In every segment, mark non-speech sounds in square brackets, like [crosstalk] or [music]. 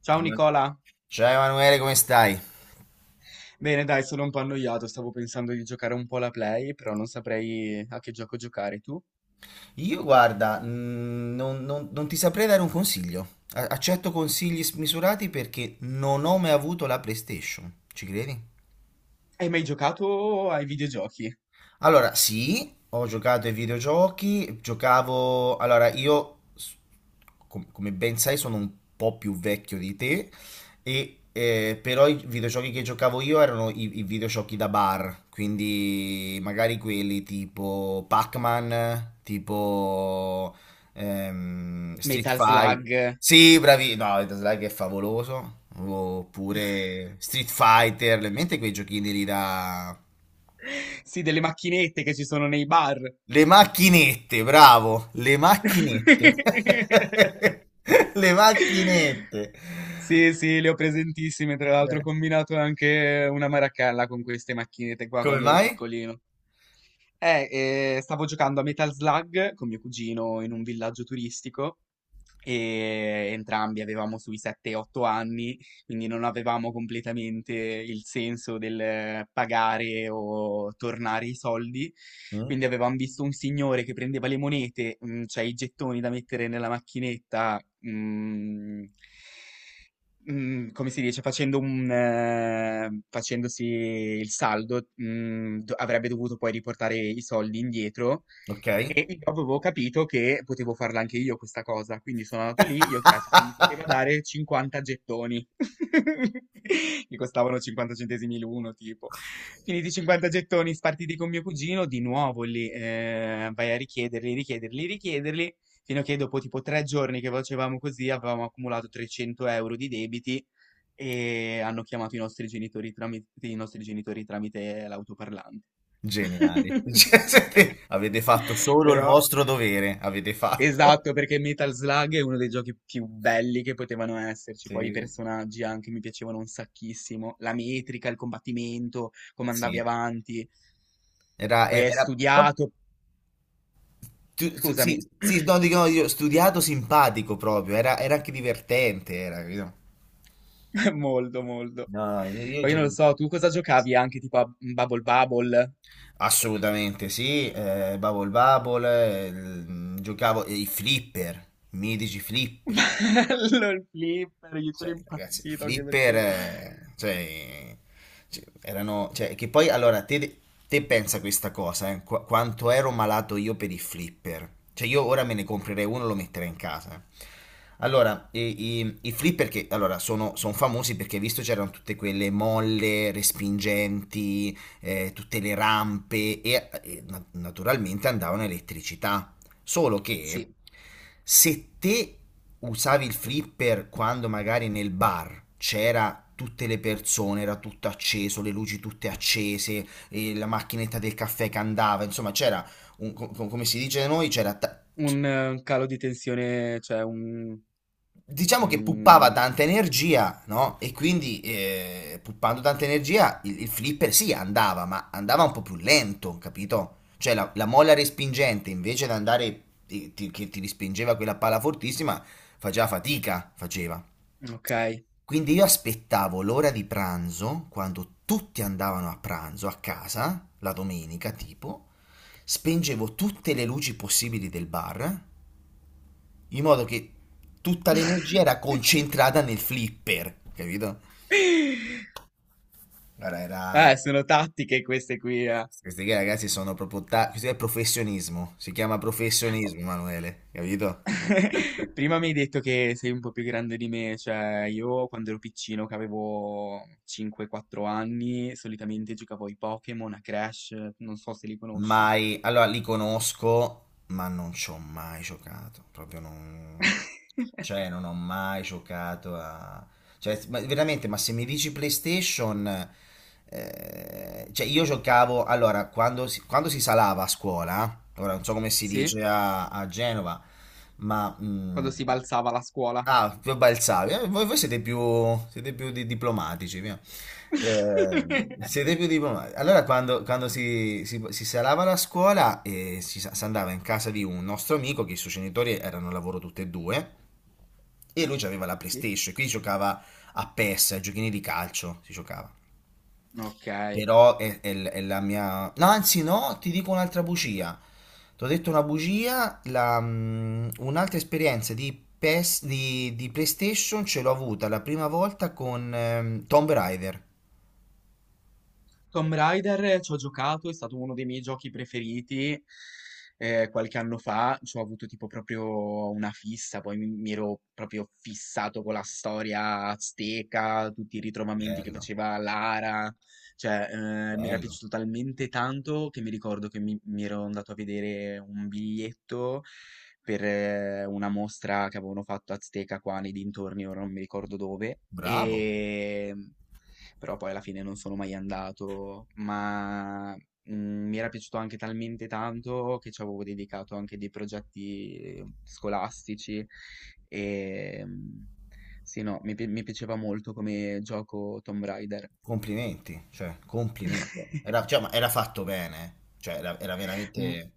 Ciao Ema- Nicola! Ciao Emanuele, come stai? Bene, dai, sono un po' annoiato, stavo pensando di giocare un po' alla Play, però non saprei a che gioco giocare tu. Io guarda, non ti saprei dare un consiglio. Accetto consigli smisurati perché non ho mai avuto la PlayStation. Ci credi? Hai mai giocato ai videogiochi? Allora, sì, ho giocato ai videogiochi, giocavo. Allora, io, come ben sai, sono un po' più vecchio di te, e, però i videogiochi che giocavo io erano i videogiochi da bar, quindi magari quelli tipo Pac-Man, tipo Street Metal Fighter. Slug? Sì, bravi, no, il Like è favoloso, oppure Street Fighter, le mente quei giochini lì da. Sì, delle macchinette che ci sono nei bar. Le macchinette, bravo, le macchinette. [laughs] [laughs] Le macchinette. Sì, sì, le ho presentissime, tra l'altro Eh, ho combinato anche una maracalla con queste macchinette qua Come quando ero mai? piccolino. Eh, Stavo giocando a Metal Slug con mio cugino in un villaggio turistico e entrambi avevamo sui 7-8 anni, quindi non avevamo completamente il senso del pagare o tornare i soldi. Mm, Quindi avevamo visto un signore che prendeva le monete, cioè i gettoni da mettere nella macchinetta, mm, come si dice, facendosi il saldo, avrebbe dovuto poi riportare i soldi indietro. ok, E io avevo capito che potevo farla anche io questa cosa, quindi sono andato lì, gli ho chiesto se mi poteva dare 50 gettoni, [laughs] che costavano 50 centesimi l'uno, tipo. Finiti i 50 gettoni, spartiti con mio cugino, di nuovo lì, vai a richiederli, richiederli, richiederli, fino a che dopo tipo tre giorni che facevamo così avevamo accumulato 300 euro di debiti e hanno chiamato i nostri genitori tramite l'autoparlante. geniali. [laughs] Cioè, [laughs] avete fatto solo il Però. vostro dovere, avete fatto. Esatto, perché Metal Slug è uno dei giochi più belli che potevano esserci. Poi i Sì, personaggi anche mi piacevano un sacchissimo. La metrica, il combattimento, come andavi sì. avanti. Era, Poi e- è era pro- studiato. Sì, Scusami, sì, [clears throat] no, dico, no, io studiato simpatico proprio, era, era anche divertente, era, capito? molto, molto. No, no, io Poi non lo gioco. so, tu cosa giocavi anche tipo a Bubble Bubble? Assolutamente sì, Bubble Bubble, giocavo i flipper, i mitici flipper. [laughs] Bello il flipper, io sono Cioè, ragazzi, i impazzito anche per flipper, quello. Cioè, erano, cioè, che poi, allora, te pensa questa cosa, quanto ero malato io per i flipper. Cioè, io ora me ne comprerei uno e lo metterei in casa. Eh. Allora, i flipper che, allora, sono, son famosi perché, hai visto, c'erano tutte quelle molle respingenti, tutte le rampe e, naturalmente andavano a elettricità. Solo che Sì, se te usavi il flipper quando magari nel bar c'era tutte le persone, era tutto acceso, le luci tutte accese, e la macchinetta del caffè che andava, insomma c'era, come si dice da noi, c'era un calo di tensione, cioè un. diciamo che puppava Mm, tanta energia, no? E quindi puppando tanta energia il flipper sì andava, ma andava un po' più lento, capito? Cioè la molla respingente invece di andare che ti respingeva quella palla fortissima faceva fatica, faceva. ok. Quindi io aspettavo l'ora di pranzo, quando tutti andavano a pranzo a casa, la domenica tipo, spengevo tutte le luci possibili del bar in modo che tutta l'energia era [laughs] concentrata nel flipper, capito? [laughs] Allora era. Sono tattiche queste qui, eh. Questi qui ragazzi sono proprio. Questo è professionismo, si chiama professionismo, Emanuele, capito? [laughs] Prima mi hai detto che sei un po' più grande di me, cioè io quando ero piccino, che avevo 5-4 anni, solitamente giocavo ai Pokémon, a Crash, non so se li conosci. Mai. Allora li conosco, ma non ci ho mai giocato, proprio non. [laughs] Cioè, non ho mai giocato a. Cioè, veramente, ma se mi dici PlayStation. Cioè, io giocavo. Allora, quando si salava a scuola, ora non so come si Sì? dice a, Genova, ma... mm, Quando si balzava la scuola. ah, più balzavi. Voi siete più diplomatici, via. Eh, [laughs] siete più diplomatici. Allora, quando si salava la scuola, si andava in casa di un nostro amico, che i suoi genitori erano al lavoro tutti e due, e lui aveva la Sì? PlayStation, e quindi giocava a PES, a giochini di calcio, si giocava. Ok. Però è la mia. No, anzi no, ti dico un'altra bugia. Ti ho detto una bugia, un'altra esperienza di, PES, di PlayStation ce l'ho avuta la prima volta con Tomb Raider. Tomb Raider ci ho giocato, è stato uno dei miei giochi preferiti qualche anno fa, ci ho avuto tipo proprio una fissa, poi mi ero proprio fissato con la storia azteca, tutti i ritrovamenti che Bello, faceva Lara, cioè mi era bello, piaciuto talmente tanto che mi ricordo che mi ero andato a vedere un biglietto per una mostra che avevano fatto azteca qua nei dintorni, ora non mi ricordo dove. bravo, E però poi alla fine non sono mai andato, ma mi era piaciuto anche talmente tanto che ci avevo dedicato anche dei progetti scolastici e sì, no, mi piaceva molto come gioco Tomb Raider. complimenti, cioè, complimenti. Era, cioè, [laughs] ma era fatto bene, eh. Cioè, era Mm, veramente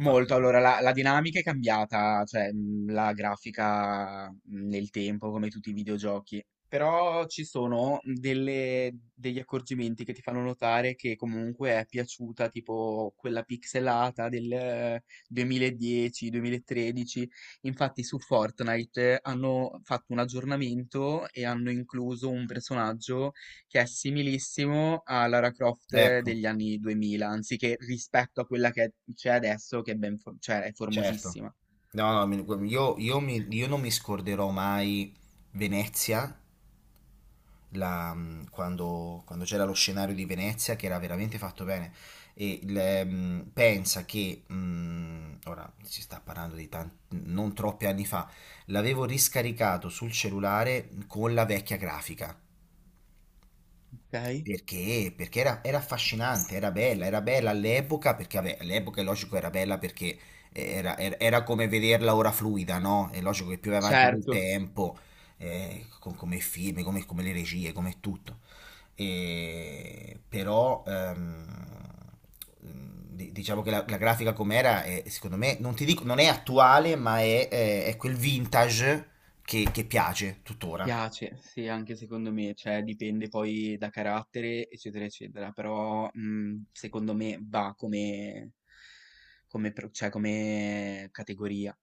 fatto bene. allora la dinamica è cambiata, cioè la grafica nel tempo, come tutti i videogiochi. Però ci sono degli accorgimenti che ti fanno notare che comunque è piaciuta, tipo quella pixelata del 2010-2013. Infatti su Fortnite hanno fatto un aggiornamento e hanno incluso un personaggio che è similissimo a Lara Croft Ecco. degli anni 2000, anziché rispetto a quella che c'è adesso, che è, cioè, è Certo. formosissima. No, no, io non mi scorderò mai Venezia, quando c'era lo scenario di Venezia che era veramente fatto bene. E pensa che, ora si sta parlando di tanti, non troppi anni fa, l'avevo riscaricato sul cellulare con la vecchia grafica. Ok? Perché? Perché era affascinante, era bella all'epoca, perché vabbè, all'epoca è logico era bella perché era come vederla ora fluida, no? È logico che più vai avanti nel Certo, tempo, come i film, come le regie, come tutto. E, però diciamo che la grafica com'era, è, secondo me, non ti dico, non è attuale, ma è quel vintage che piace tuttora. piace, sì, anche secondo me, cioè dipende poi da carattere, eccetera, eccetera, però secondo me va come categoria.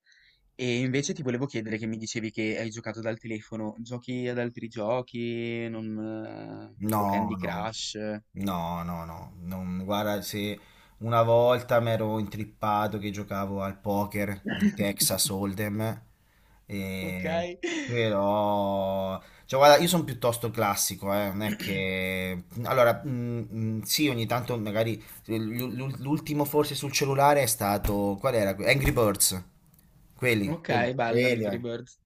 E invece ti volevo chiedere che mi dicevi che hai giocato dal telefono, giochi ad altri giochi, non, tipo No, Candy no, Crush? no, no, no, non, guarda, se una volta mi ero intrippato che giocavo al poker del [laughs] Texas Hold'em, Ok, e- però, cioè guarda, io sono piuttosto classico, non è che, allora, sì, ogni tanto magari, l'ultimo forse sul cellulare è stato, qual era? Angry Birds, quelli, ok, quelli, bello quelli, Angry eh. Birds.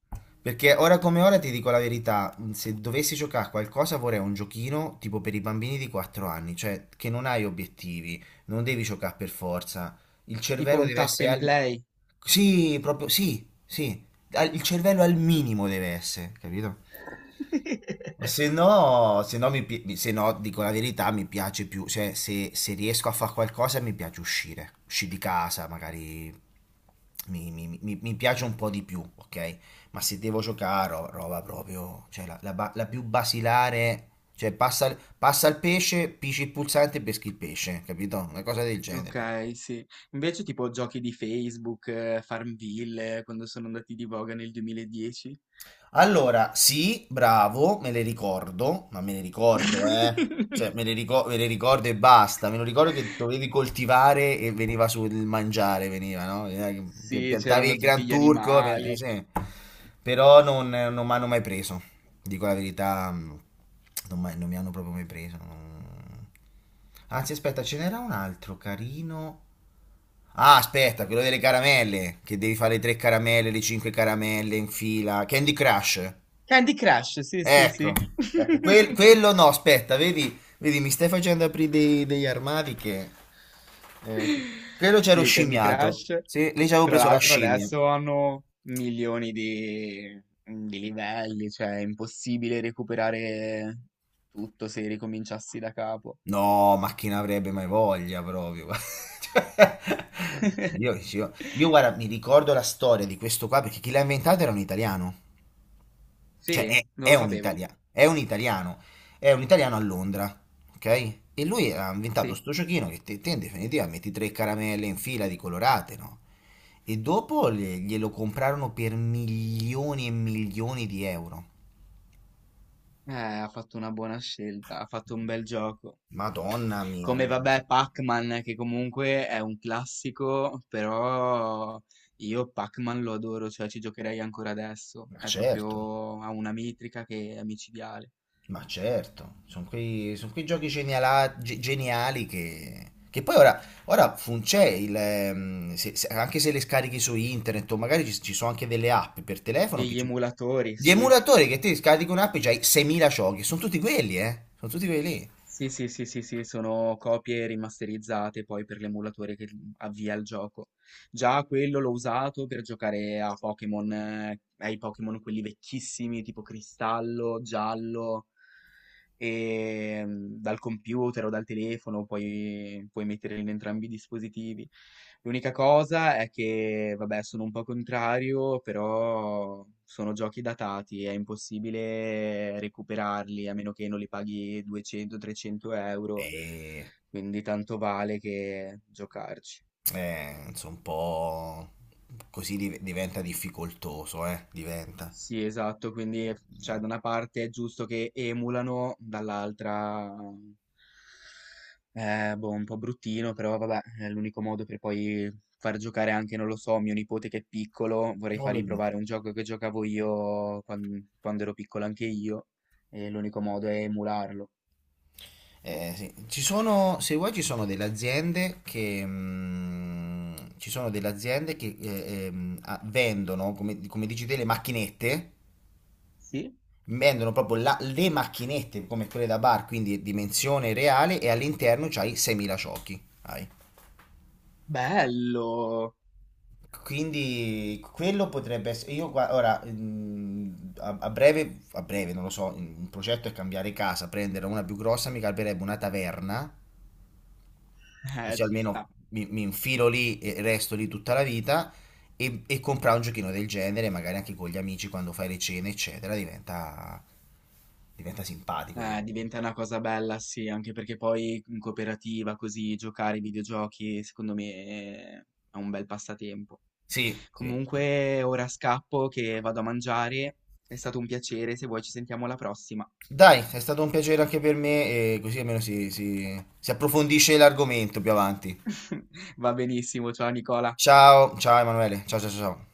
Perché ora come ora ti dico la verità, se dovessi giocare a qualcosa vorrei un giochino tipo per i bambini di 4 anni, cioè che non hai obiettivi, non devi giocare per forza. Il Tipo cervello un deve tap essere and al. play. Sì, proprio, sì, sì, il cervello al minimo deve essere, capito? [laughs] Se no, se no, mi pi- mi- se no, dico la verità, mi piace più, cioè se riesco a fare qualcosa mi piace uscire, di casa, magari mi piace un po' di più, ok? Ma se devo giocare, roba proprio, cioè la più basilare, cioè passa il pesce, pisci il pulsante e peschi il pesce, capito? Una cosa del genere. Ok, sì. Invece tipo giochi di Facebook, Farmville, quando sono andati di voga nel 2010. Allora, sì, bravo, me le ricordo, ma me le ricordo, eh. [laughs] Cioè, me le ricordo e basta. Me lo ricordo che dovevi coltivare e veniva sul mangiare, veniva, no? Sì, Piantavi c'erano il tutti Gran gli Turco, animali. sì. Però non mi hanno mai preso. Dico la verità, non mi hanno proprio mai preso. Anzi, aspetta, ce n'era un altro carino. Ah, aspetta, quello delle caramelle, che devi fare le tre caramelle, le cinque caramelle in fila. Candy Crush. Candy Crush, sì, sì, Ecco, sì. ecco, quel- [laughs] quello no, aspetta, vedi, vedi, mi stai facendo aprire degli armadi che. Eh, quello c'ero Sì, Candy scimmiato. Crush. Sì, lì ci avevo Tra preso la l'altro scimmia. adesso hanno milioni di livelli, cioè è impossibile recuperare tutto se ricominciassi da capo. No, ma chi ne avrebbe mai voglia proprio? [laughs] Cioè, io, guarda, mi ricordo la storia di questo qua perché chi l'ha inventato era un italiano. Cioè, Sì, è, non è lo un sapevo. italiano, è un italiano, è un italiano a Londra, ok? E lui ha inventato Sì, sto giochino che te, in definitiva metti tre caramelle in fila di colorate, no? E dopo glielo comprarono per milioni e milioni di euro. Ha fatto una buona scelta, ha fatto un bel gioco. Madonna mia, Come ragazzi. vabbè Pac-Man, che comunque è un classico, però io Pac-Man lo adoro, cioè ci giocherei ancora adesso. Ma È certo. proprio, ha una metrica che è micidiale. Ma certo, sono son quei giochi geniali che poi ora, c'è il, se- se- anche se le scarichi su internet o magari ci sono anche delle app per telefono che Degli emulatori, gli sì. emulatori che ti scarichi un'app e c'hai 6.000 giochi, sono tutti quelli, eh? Sono tutti quelli lì. Sì, sì, sì, sì, sì, sono copie rimasterizzate poi per l'emulatore che avvia il gioco. Già quello l'ho usato per giocare a Pokémon, ai Pokémon quelli vecchissimi, tipo Cristallo, Giallo. E dal computer o dal telefono puoi mettere in entrambi i dispositivi. L'unica cosa è che, vabbè, sono un po' contrario, però sono giochi datati, è impossibile recuperarli a meno che non li paghi 200-300 euro, E, quindi tanto vale che giocarci. Insomma, un po' così diventa difficoltoso, eh? Diventa. Sì, esatto, quindi cioè, da una parte è giusto che emulano, dall'altra, boh, un po' bruttino, però vabbè, è l'unico modo per poi far giocare anche, non lo so, mio nipote che è piccolo, vorrei fargli Vabbè. provare un gioco che giocavo io quando, ero piccolo anche io, e l'unico modo è emularlo. Sì. Ci sono, se vuoi, ci sono delle aziende che vendono, come dici te, le macchinette, Sì? vendono proprio le macchinette come quelle da bar, quindi dimensione reale, e all'interno c'hai 6.000 ciocchi. Hai. Bello! Quindi quello potrebbe essere. Io ora a breve non lo so. Un progetto è cambiare casa, prendere una più grossa, mi calberebbe una taverna [laughs] così ci almeno sta. mi infilo lì e resto lì tutta la vita e comprare un giochino del genere, magari anche con gli amici quando fai le cene, eccetera, diventa, simpatico. Diventa una cosa bella, sì, anche perché poi in cooperativa, così, giocare ai videogiochi, secondo me è un bel passatempo. Sì, sì, sì. Comunque, ora scappo che vado a mangiare. È stato un piacere, se vuoi ci sentiamo alla prossima. Dai, è stato un piacere anche per me e così almeno si approfondisce l'argomento più avanti. [laughs] Va benissimo, ciao Nicola. Ciao, ciao Emanuele, ciao ciao ciao. Ciao.